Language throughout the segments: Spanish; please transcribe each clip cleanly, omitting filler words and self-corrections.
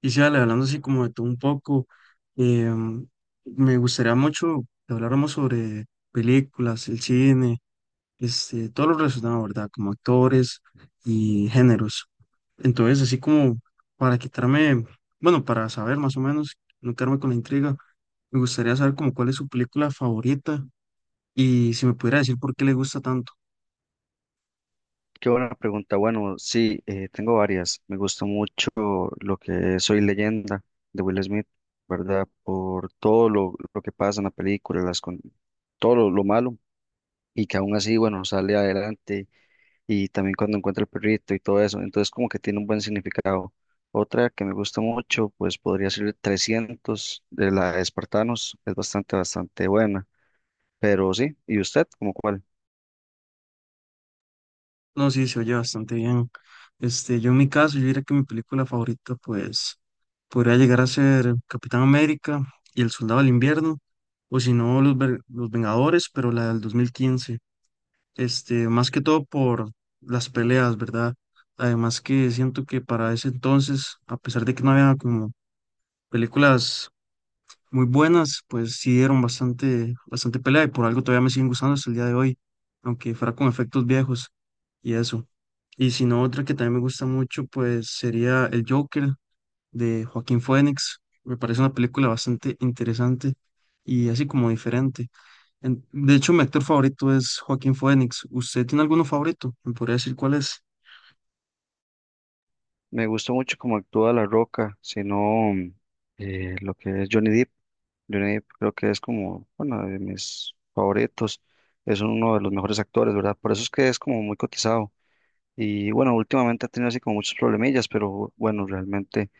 Y sí, Ale, hablando así como de todo un poco, em, me gustaría mucho que habláramos sobre películas, el cine, este, todo lo relacionado, ¿verdad? Como actores y géneros. Entonces, así como para quitarme, bueno, para saber más o menos, no quedarme con la intriga, me gustaría saber como cuál es su película favorita y si me pudiera decir por qué le gusta tanto. Qué buena pregunta. Bueno, sí, tengo varias. Me gusta mucho lo que es Soy Leyenda de Will Smith, ¿verdad? Por todo lo que pasa en la película, todo lo malo y que aún así, bueno, sale adelante y también cuando encuentra el perrito y todo eso. Entonces, como que tiene un buen significado. Otra que me gusta mucho, pues podría ser 300 de la de Espartanos. Es bastante buena. Pero sí, ¿y usted, como cuál? No, sí, se oye bastante bien. Este, yo en mi caso, yo diría que mi película favorita, pues, podría llegar a ser Capitán América y El Soldado del Invierno, o si no, Los Vengadores, pero la del 2015. Este, más que todo por las peleas, ¿verdad? Además que siento que para ese entonces, a pesar de que no había como películas muy buenas, pues sí dieron bastante, bastante pelea y por algo todavía me siguen gustando hasta el día de hoy, aunque fuera con efectos viejos y eso. Y si no, otra que también me gusta mucho, pues sería El Joker de Joaquín Phoenix. Me parece una película bastante interesante y así como diferente. De hecho, mi actor favorito es Joaquín Phoenix. ¿Usted tiene alguno favorito? ¿Me podría decir cuál es? Me gusta mucho cómo actúa La Roca, sino lo que es Johnny Depp. Johnny Depp creo que es como bueno de mis favoritos. Es uno de los mejores actores, ¿verdad? Por eso es que es como muy cotizado. Y bueno, últimamente ha tenido así como muchos problemillas, pero bueno, realmente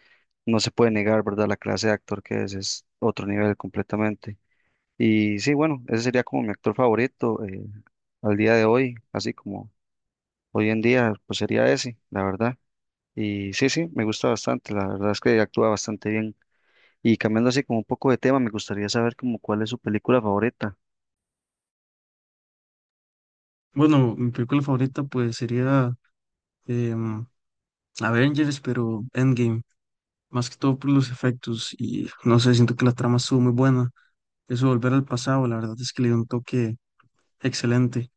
no se puede negar, ¿verdad? La clase de actor que es otro nivel completamente. Y sí, bueno, ese sería como mi actor favorito al día de hoy, así como hoy en día, pues sería ese, la verdad. Y sí, sí, me gusta bastante, la verdad es que actúa bastante bien. Y cambiando así como un poco de tema, me gustaría saber como cuál es su película favorita. Bueno, mi película favorita pues sería em, Avengers, pero Endgame. Más que todo por los efectos y no sé, siento que la trama estuvo muy buena. Eso de volver al pasado, la verdad es que le dio un toque excelente.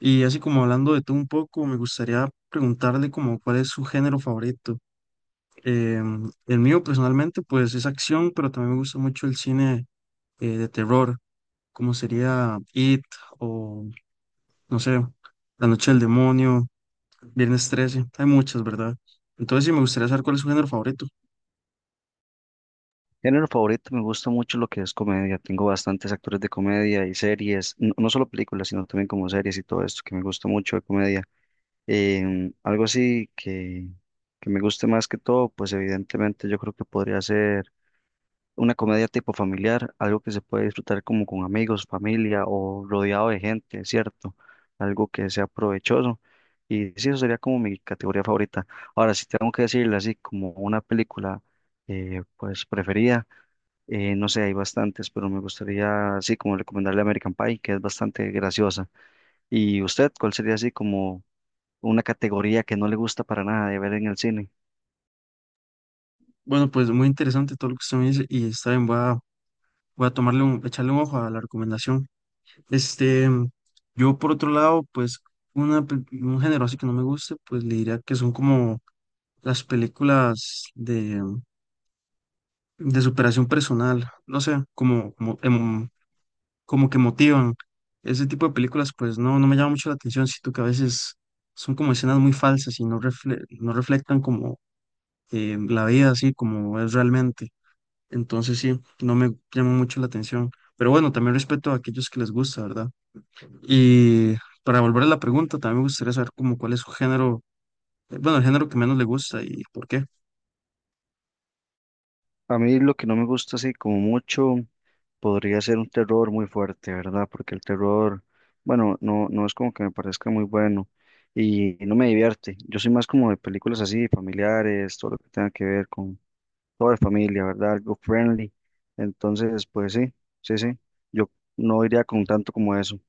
Y así como hablando de tú un poco, me gustaría preguntarle como cuál es su género favorito. Em, el mío personalmente pues es acción, pero también me gusta mucho el cine de terror, como sería It o no sé, La Noche del Demonio, Viernes 13 hay muchas, ¿verdad? Entonces sí me gustaría saber cuál es su género favorito. Género favorito, me gusta mucho lo que es comedia. Tengo bastantes actores de comedia y series, no, no solo películas, sino también como series y todo esto, que me gusta mucho de comedia. Algo así que me guste más que todo, pues evidentemente yo creo que podría ser una comedia tipo familiar, algo que se puede disfrutar como con amigos, familia o rodeado de gente, ¿cierto? Algo que sea provechoso. Y sí, eso sería como mi categoría favorita. Ahora, si tengo que decirle así como una película pues preferida, no sé, hay bastantes, pero me gustaría así como recomendarle American Pie, que es bastante graciosa. ¿Y usted, cuál sería así como una categoría que no le gusta para nada de ver en el cine? Bueno, pues muy interesante todo lo que usted me dice y está bien, voy a tomarle echarle un ojo a la recomendación. Este, yo por otro lado, pues un género así que no me guste, pues le diría que son como las películas de superación personal, no sé, como que motivan. Ese tipo de películas, pues no, no me llama mucho la atención, siento que a veces son como escenas muy falsas y no, no reflectan como la vida así como es realmente. Entonces sí, no me llama mucho la atención. Pero bueno, también respeto a aquellos que les gusta, ¿verdad? Y para volver a la pregunta, también me gustaría saber como cuál es su género, bueno, el género que menos le gusta y por qué. A mí lo que no me gusta así como mucho podría ser un terror muy fuerte, ¿verdad? Porque el terror, bueno, no, no es como que me parezca muy bueno y no me divierte. Yo soy más como de películas así, familiares, todo lo que tenga que ver con toda la familia, ¿verdad? Algo friendly. Entonces, pues sí, sí, sí. Yo no iría con tanto como eso.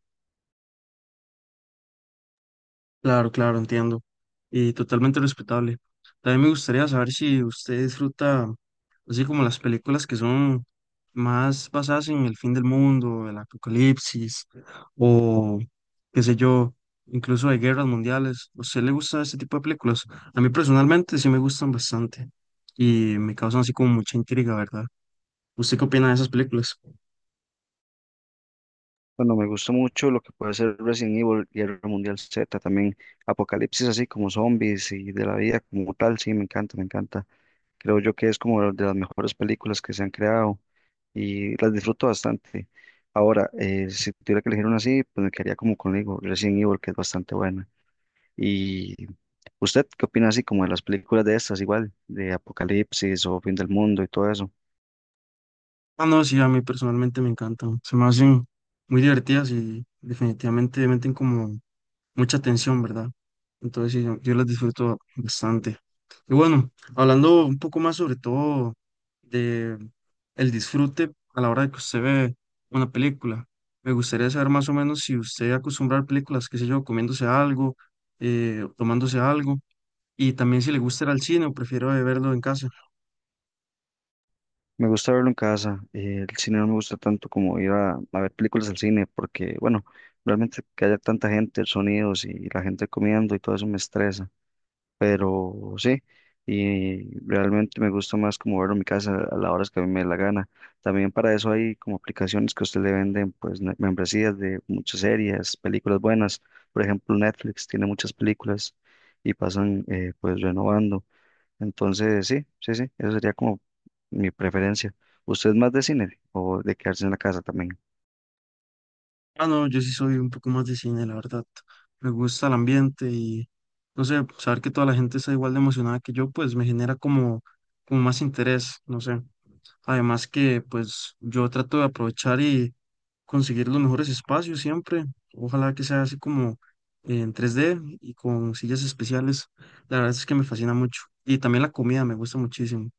Claro, claro, entiendo. Y totalmente respetable. También me gustaría saber si usted disfruta, así como las películas que son más basadas en el fin del mundo, el apocalipsis, o qué sé yo, incluso de guerras mundiales. ¿A usted le gusta ese tipo de películas? A mí personalmente sí me gustan bastante y me causan así como mucha intriga, ¿verdad? ¿Usted qué opina de esas películas? Bueno, me gusta mucho lo que puede ser Resident Evil, Guerra Mundial Z, también Apocalipsis así como zombies y de la vida como tal, sí, me encanta, me encanta. Creo yo que es como de las mejores películas que se han creado y las disfruto bastante. Ahora, si tuviera que elegir una así, pues me quedaría como conmigo, Resident Evil, que es bastante buena. ¿Y usted qué opina así como de las películas de estas, igual, de Apocalipsis o Fin del Mundo y todo eso? Ah, no, sí, a mí personalmente me encantan. Se me hacen muy divertidas y definitivamente meten como mucha tensión, ¿verdad? Entonces, sí, yo las disfruto bastante. Y bueno, hablando un poco más sobre todo de el disfrute a la hora de que usted ve una película, me gustaría saber más o menos si usted acostumbra a ver películas, qué sé yo, comiéndose algo, tomándose algo, y también si le gusta ir al cine o prefiere verlo en casa. Me gusta verlo en casa. El cine no me gusta tanto como ir a ver películas al cine, porque, bueno, realmente que haya tanta gente, sonidos y la gente comiendo y todo eso me estresa. Pero sí, y realmente me gusta más como verlo en mi casa a las horas que a mí me dé la gana. También para eso hay como aplicaciones que a usted le venden, membresías de muchas series, películas buenas. Por ejemplo, Netflix tiene muchas películas y pasan pues renovando. Entonces, sí, sí, sí, eso sería como mi preferencia. ¿Usted es más de cine o de quedarse en la casa también? Ah, no, yo sí soy un poco más de cine, la verdad. Me gusta el ambiente y, no sé, saber que toda la gente está igual de emocionada que yo, pues me genera como más interés, no sé. Además que, pues, yo trato de aprovechar y conseguir los mejores espacios siempre. Ojalá que sea así como en 3D y con sillas especiales. La verdad es que me fascina mucho. Y también la comida me gusta muchísimo.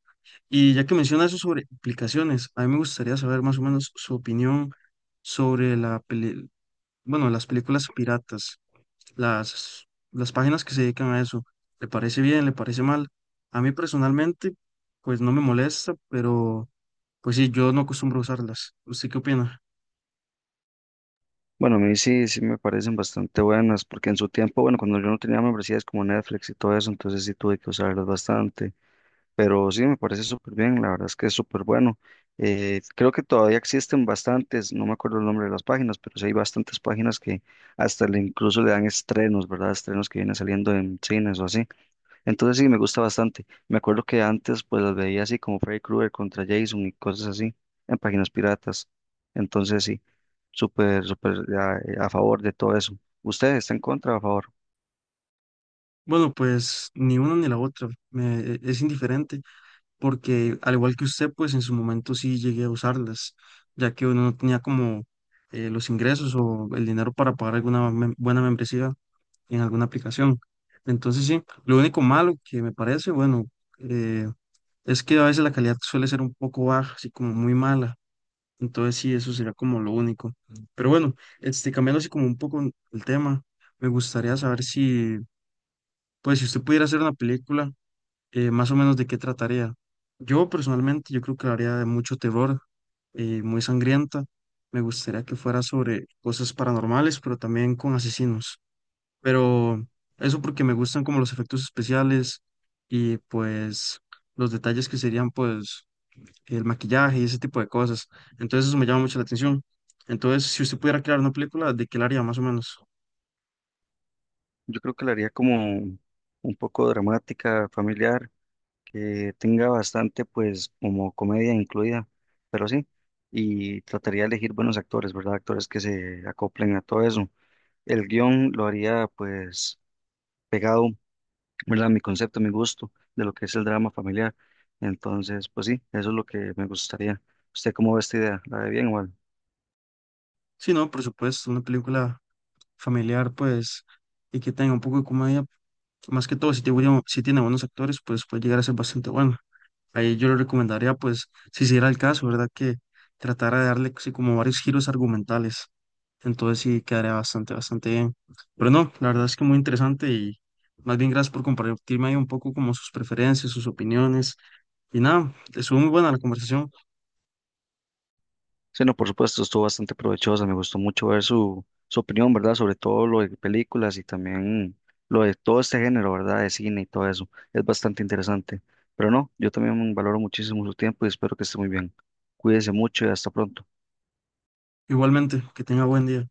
Y ya que menciona eso sobre aplicaciones, a mí me gustaría saber más o menos su opinión sobre bueno, las películas piratas, las, las páginas que se dedican a eso, ¿le parece bien, le parece mal? A mí personalmente, pues no me molesta, pero pues sí, yo no acostumbro a usarlas. ¿Usted qué opina? Bueno, a mí sí, sí me parecen bastante buenas, porque en su tiempo, bueno, cuando yo no tenía membresías como Netflix y todo eso, entonces sí tuve que usarlas bastante. Pero sí, me parece súper bien, la verdad es que es súper bueno. Creo que todavía existen bastantes, no me acuerdo el nombre de las páginas, pero sí hay bastantes páginas que hasta le incluso le dan estrenos, ¿verdad? Estrenos que vienen saliendo en cines o así. Entonces sí, me gusta bastante. Me acuerdo que antes pues las veía así como Freddy Krueger contra Jason y cosas así en páginas piratas. Entonces sí, súper, súper a favor de todo eso. ¿Usted está en contra o a favor? Bueno, pues ni una ni la otra, es indiferente, porque al igual que usted, pues en su momento sí llegué a usarlas, ya que uno no tenía como los ingresos o el dinero para pagar buena membresía en alguna aplicación. Entonces, sí, lo único malo que me parece, bueno, eh, es que a veces la calidad suele ser un poco baja, así como muy mala. Entonces, sí, eso sería como lo único. Pero bueno, este, cambiando así como un poco el tema, me gustaría saber si, pues, si usted pudiera hacer una película, más o menos de qué trataría. Yo personalmente, yo creo que la haría de mucho terror, muy sangrienta. Me gustaría que fuera sobre cosas paranormales, pero también con asesinos. Pero eso porque me gustan como los efectos especiales y pues los detalles que serían pues el maquillaje y ese tipo de cosas. Entonces eso me llama mucho la atención. Entonces, si usted pudiera crear una película, ¿de qué la haría más o menos? Yo creo que la haría como un poco dramática, familiar que tenga bastante, pues, como comedia incluida, pero sí, y trataría de elegir buenos actores, ¿verdad? Actores que se acoplen a todo eso. El guión lo haría, pues, pegado, ¿verdad? A mi concepto, a mi gusto de lo que es el drama familiar. Entonces, pues sí, eso es lo que me gustaría. ¿Usted cómo ve esta idea? ¿La ve bien o mal? Sí, no, por supuesto, una película familiar pues y que tenga un poco de comedia. Más que todo, si tiene, si tiene buenos actores, pues puede llegar a ser bastante bueno. Ahí yo le recomendaría, pues, si se diera el caso, ¿verdad? Que tratara de darle así como varios giros argumentales. Entonces sí quedaría bastante, bastante bien. Pero no, la verdad es que muy interesante y más bien gracias por compartirme ahí un poco como sus preferencias, sus opiniones. Y nada, estuvo muy buena la conversación. Sí, no, por supuesto, estuvo bastante provechosa. Me gustó mucho ver su opinión, ¿verdad? Sobre todo lo de películas y también lo de todo este género, ¿verdad? De cine y todo eso. Es bastante interesante. Pero no, yo también valoro muchísimo su tiempo y espero que esté muy bien. Cuídese mucho y hasta pronto. Igualmente, que tenga buen día.